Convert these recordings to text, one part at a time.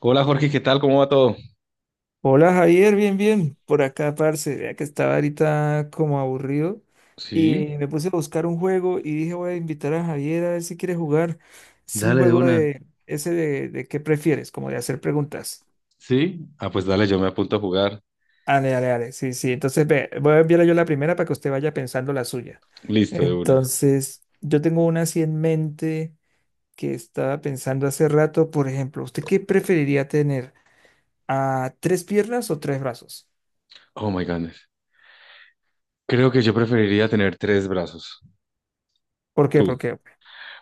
Hola Jorge, ¿qué tal? ¿Cómo va todo? Hola Javier, bien, bien, por acá, parce, vea que estaba ahorita como aburrido Sí. y me puse a buscar un juego y dije voy a invitar a Javier a ver si quiere jugar. Es un Dale de juego una. de ese de qué prefieres, como de hacer preguntas. Sí. Ah, pues dale, yo me apunto a jugar. Dale, dale, dale, sí, sí, entonces ve, voy a enviarle yo la primera para que usted vaya pensando la suya. Listo, de una. Entonces, yo tengo una así en mente que estaba pensando hace rato, por ejemplo, ¿usted qué preferiría tener? ¿A tres piernas o tres brazos? Oh my goodness. Creo que yo preferiría tener tres brazos. ¿Por qué? Tú. Porque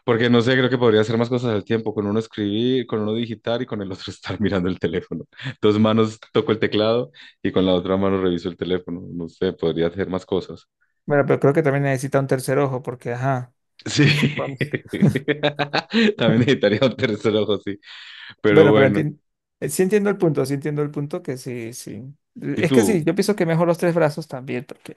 Porque no sé, creo que podría hacer más cosas al tiempo. Con uno escribir, con uno digitar y con el otro estar mirando el teléfono. Dos manos toco el teclado y con la otra mano reviso el teléfono. No sé, podría hacer más cosas. bueno, pero creo que también necesita un tercer ojo porque, ajá. Sí. Bueno, También necesitaría un tercer ojo, sí. Pero bueno, pero bueno. Sí entiendo el punto, sí entiendo el punto que sí, sí. ¿Y Es que tú? sí, yo pienso que mejor los tres brazos también, porque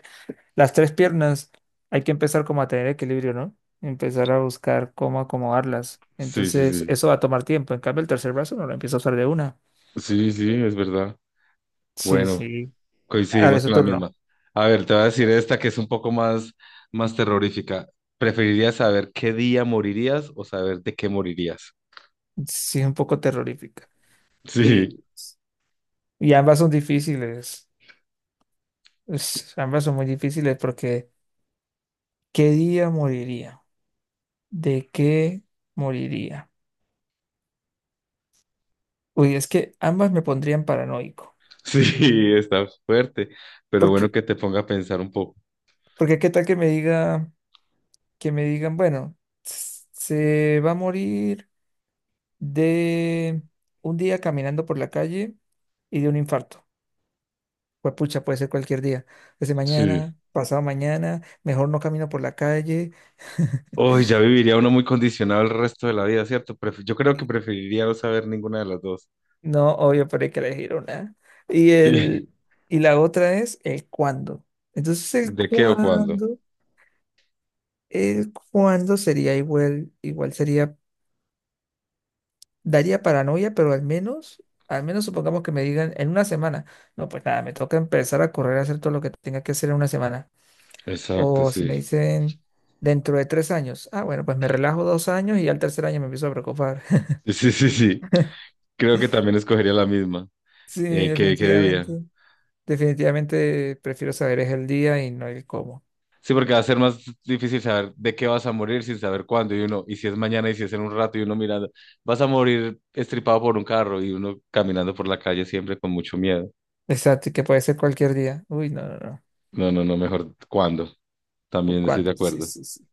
las tres piernas hay que empezar como a tener equilibrio, ¿no? Empezar a buscar cómo acomodarlas. Sí, sí, Entonces, sí. eso va a tomar tiempo. En cambio, el tercer brazo no lo empiezo a usar de una. Sí, sí, es verdad. Sí, Bueno, sí. Ahora coincidimos es su con la turno. misma. A ver, te voy a decir esta que es un poco más terrorífica. ¿Preferirías saber qué día morirías o saber de qué morirías? Sí, es un poco terrorífica. Y, y ambas son difíciles. Ambas son muy difíciles porque ¿qué día moriría? ¿De qué moriría? Uy, es que ambas me pondrían paranoico. Sí, sí, está fuerte, pero Porque, bueno que te ponga a pensar un poco. porque qué tal que me diga, que me digan, bueno, se va a morir de un día caminando por la calle y de un infarto. Pues pucha, puede ser cualquier día. Desde Sí. mañana, pasado mañana, mejor no camino por la calle. Hoy ya viviría uno muy condicionado el resto de la vida, ¿cierto? Pref- yo creo que preferiría no saber ninguna de las dos. No, obvio, pero hay que elegir una. Y Sí. el, y la otra es el cuándo. Entonces, el ¿De qué o cuándo? cuándo. eh, ¿Cuándo sería igual? Igual sería, daría paranoia, pero al menos supongamos que me digan en una semana. No, pues nada, me toca empezar a correr a hacer todo lo que tenga que hacer en una semana. Exacto, O si me sí. dicen dentro de 3 años, ah, bueno, pues me relajo 2 años y al tercer año me empiezo a preocupar. Sí, sí, sí, sí. Creo que también escogería la misma. Sí, ¿Qué, qué día? definitivamente. Definitivamente prefiero saber es el día y no el cómo. Sí, porque va a ser más difícil saber de qué vas a morir sin saber cuándo y uno, y si es mañana y si es en un rato y uno mirando, vas a morir estripado por un carro y uno caminando por la calle siempre con mucho miedo. Exacto, y que puede ser cualquier día. Uy, no, no, no. No, no, no, mejor cuándo. También estoy de ¿Cuándo? Sí, acuerdo. sí, sí.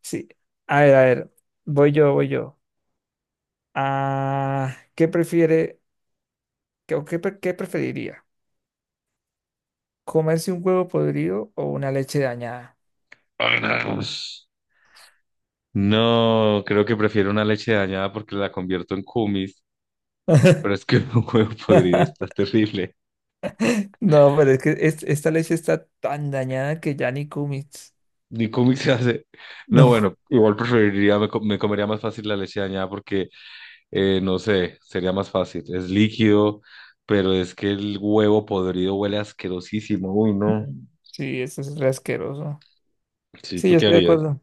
Sí. A ver, a ver. Voy yo, voy yo. Ah, ¿qué prefiere qué, o qué, pre- ¿qué preferiría? ¿Comerse un huevo podrido o una leche dañada? Ay, no. No, creo que prefiero una leche dañada porque la convierto en kumis, pero es que un huevo podrido está terrible. No, pero es que esta leche está tan dañada que ya ni comes. Ni kumis se hace. No, No. bueno, igual preferiría, co- me comería más fácil la leche dañada porque no sé, sería más fácil. Es líquido, pero es que el huevo podrido huele asquerosísimo. Uy, no. Mm. Sí, eso es re asqueroso. Sí, Sí, ¿tú yo qué estoy de harías? acuerdo.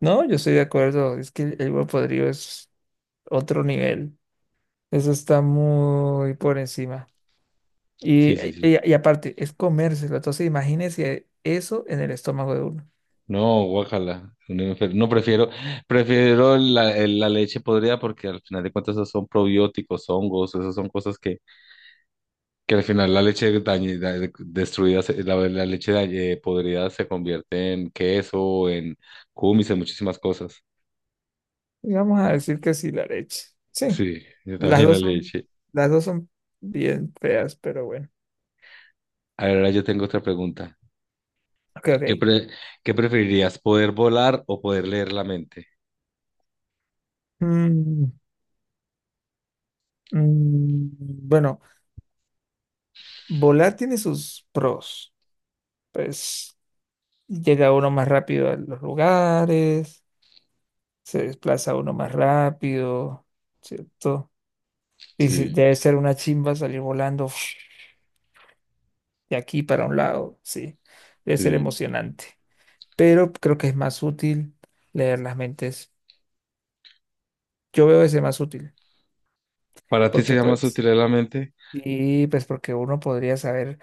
No, yo estoy de acuerdo. Es que el huevo podrido es otro nivel. Eso está muy por encima. Y, Sí, sí, y, sí. y aparte, es comérselo. Entonces, imagínese eso en el estómago de uno. No, guácala. Un enfer- no, prefiero, prefiero el- la leche podrida porque al final de cuentas esos son probióticos, hongos, esas son cosas que al final la leche dañi- da- destruida, se- la leche dañi- podrida se convierte en queso, en cumis, en muchísimas cosas. Y vamos a decir que sí, la leche. Sí, Sí, yo las también la dos son, leche. las dos son bien feas, pero bueno. Ahora yo tengo otra pregunta. Ok, ¿Qué, ok. pre- qué preferirías, poder volar o poder leer la mente? Mm, mm, bueno, volar tiene sus pros. Pues llega uno más rápido a los lugares, se desplaza uno más rápido, ¿cierto? Sí, Debe ser una chimba salir volando de aquí para un lado, sí. Debe ser sí. emocionante. Pero creo que es más útil leer las mentes. Yo veo ese más útil. ¿Para ti Porque sería más pues, útil leer la mente? y pues porque uno podría saber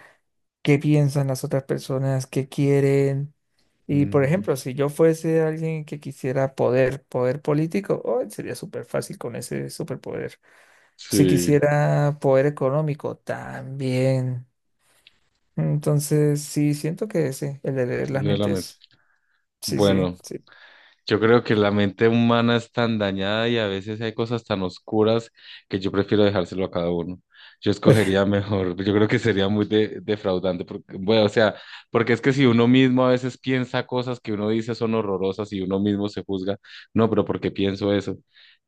qué piensan las otras personas, qué quieren. Y por Mm, ejemplo, si yo fuese alguien que quisiera poder político, oh, sería súper fácil con ese superpoder. Si sí, quisiera poder económico, también. Entonces, sí, siento que ese, el de leer las leer la mente. mentes, sí, sí, Bueno. sí. Yo creo que la mente humana es tan dañada y a veces hay cosas tan oscuras que yo prefiero dejárselo a cada uno. Yo escogería mejor, yo creo que sería muy de- defraudante, porque, bueno, o sea, porque es que si uno mismo a veces piensa cosas que uno dice son horrorosas y uno mismo se juzga, no, pero ¿por qué pienso eso?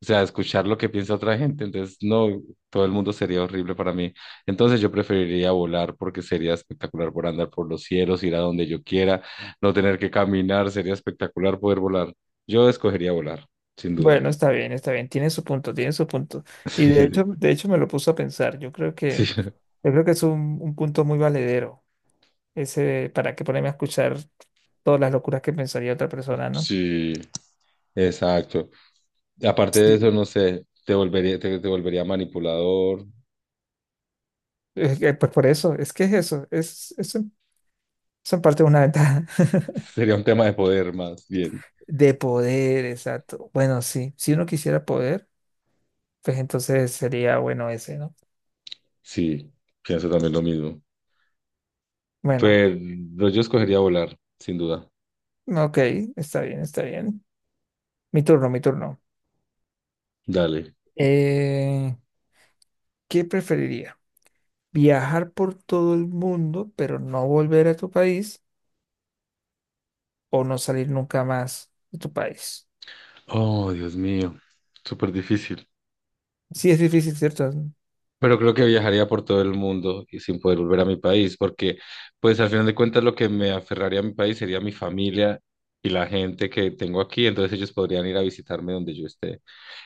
O sea, escuchar lo que piensa otra gente, entonces no, todo el mundo sería horrible para mí. Entonces yo preferiría volar porque sería espectacular por andar por los cielos, ir a donde yo quiera, no tener que caminar, sería espectacular poder volar. Yo escogería volar, sin duda. Bueno, está bien, tiene su punto, tiene su punto. Y Sí, de hecho me lo puso a pensar. Yo creo sí, que, sí, yo creo que es un punto muy valedero. Ese, ¿para qué ponerme a escuchar todas las locuras que pensaría otra persona, ¿no? sí, exacto. Aparte de eso, Sí. no sé, te volvería, te volvería manipulador. Es que, pues por eso, es que es eso, es en parte una ventaja Sería un tema de poder más bien. de poder, exacto. Bueno, sí, si uno quisiera poder, pues entonces sería bueno ese, ¿no? Sí, pienso también lo mismo. Bueno, Pero yo escogería volar, sin duda. ok, está bien, está bien. Mi turno, mi turno. Dale. Eh, ¿Qué preferiría? ¿Viajar por todo el mundo, pero no volver a tu país o no salir nunca más de tu país? Oh, Dios mío, súper difícil. Sí, es difícil, ¿cierto? Pero creo que viajaría por todo el mundo y sin poder volver a mi país, porque pues al final de cuentas lo que me aferraría a mi país sería mi familia y la gente que tengo aquí, entonces ellos podrían ir a visitarme donde yo esté.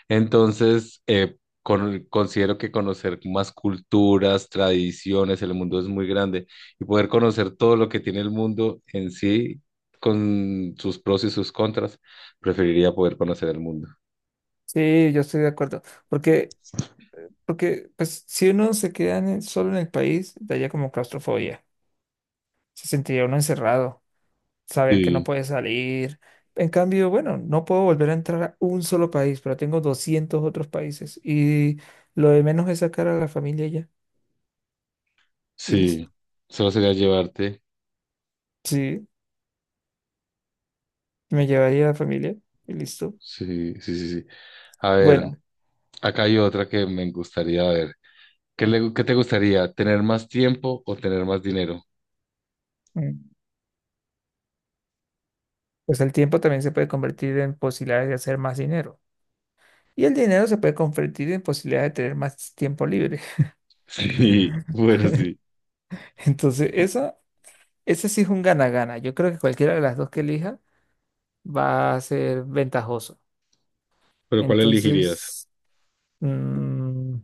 Entonces, con- considero que conocer más culturas, tradiciones, el mundo es muy grande y poder conocer todo lo que tiene el mundo en sí, con sus pros y sus contras, preferiría poder conocer el mundo. Sí, yo estoy de acuerdo. Porque, porque pues, si uno se queda solo en el país, daría como claustrofobia. Se sentiría uno encerrado, saber que no Sí, puede salir. En cambio, bueno, no puedo volver a entrar a un solo país, pero tengo 200 otros países. Y lo de menos es sacar a la familia ya. Y listo. sí, solo sería llevarte. Sí, me llevaría a la familia. Y listo. Sí, sí, sí, sí. A ver, Bueno, acá hay otra que me gustaría ver. ¿Qué le, qué te gustaría? ¿Tener más tiempo o tener más dinero? mm, pues el tiempo también se puede convertir en posibilidades de hacer más dinero. Y el dinero se puede convertir en posibilidades de tener más tiempo libre. Sí, bueno, sí. Entonces, ese sí es un gana-gana. Yo creo que cualquiera de las dos que elija va a ser ventajoso. ¿Pero cuál elegirías? Entonces, mm,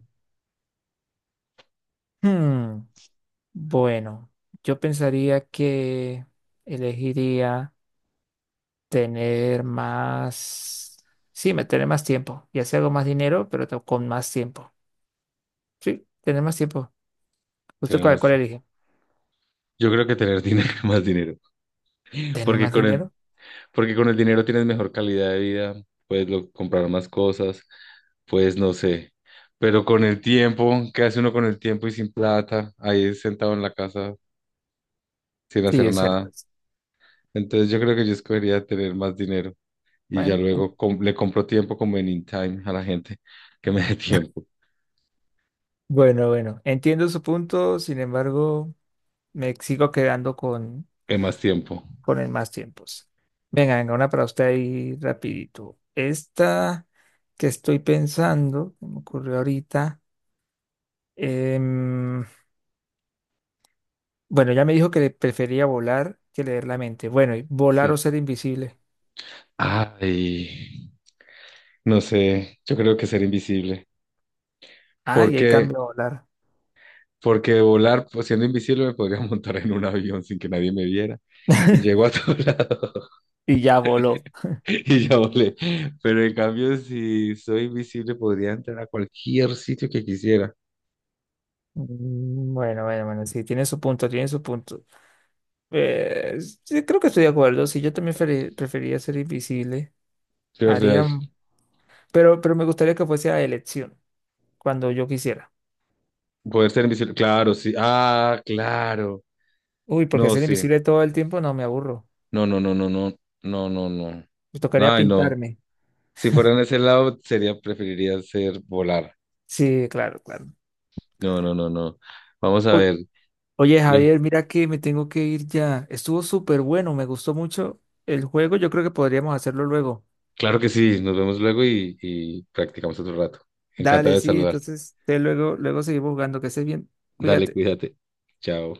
hmm, bueno, yo pensaría que elegiría tener más, tener más tiempo. Ya sea hago más dinero, pero con más tiempo. Sí, tener más tiempo. ¿Usted Tener cuál, más. cuál elige? Yo creo que tener dinero, más dinero. ¿Tener Porque más con el, dinero? porque con el dinero tienes mejor calidad de vida, puedes lo- comprar más cosas, pues no sé. Pero con el tiempo, ¿qué hace uno con el tiempo y sin plata? Ahí sentado en la casa sin Sí, hacer es cierto. nada. Entonces yo creo que yo escogería tener más dinero, y ya Bueno, luego com- le compro tiempo como en in time a la gente que me dé tiempo, bueno, bueno. Entiendo su punto, sin embargo. Me sigo quedando que más tiempo. con el más tiempos. Venga, venga, una para usted ahí rapidito. Esta que estoy pensando, que me ocurrió ahorita. em, bueno, ya me dijo que le prefería volar que leer la mente. Bueno, y volar Sí. o ser invisible. Ay, no sé, yo creo que ser invisible. Ah, y ahí Porque, cambia a volar. porque volar pues, siendo invisible me podría montar en un avión sin que nadie me viera y llego a todo lado Y ya voló. y ya volé. Pero en cambio, si soy invisible, podría entrar a cualquier sitio que quisiera. Bueno, bueno, bueno, sí, tiene su punto, tiene su punto. Eh, sí, creo que estoy de acuerdo. Sí, yo también preferiría ser invisible. De verdad, Haría, pero me gustaría que fuese a elección. Cuando yo quisiera. poder ser invisible. Claro, sí. Ah, claro. Uy, porque No, ser sí. invisible todo el tiempo no me aburro. No, no, no, no, no, no, no, no. Me tocaría Ay, no. pintarme. Si fuera en ese lado, sería, preferiría ser volar. Sí, claro, claro. No, no, no, no. Vamos a Uy, ver. oye, Yo- Javier, mira que me tengo que ir ya. Estuvo súper bueno, me gustó mucho el juego. Yo creo que podríamos hacerlo luego. claro que sí, nos vemos luego y practicamos otro rato. Encantado Dale, de sí, saludarte. entonces te luego seguimos jugando. Que estés bien. Dale, Cuídate. cuídate. Chao.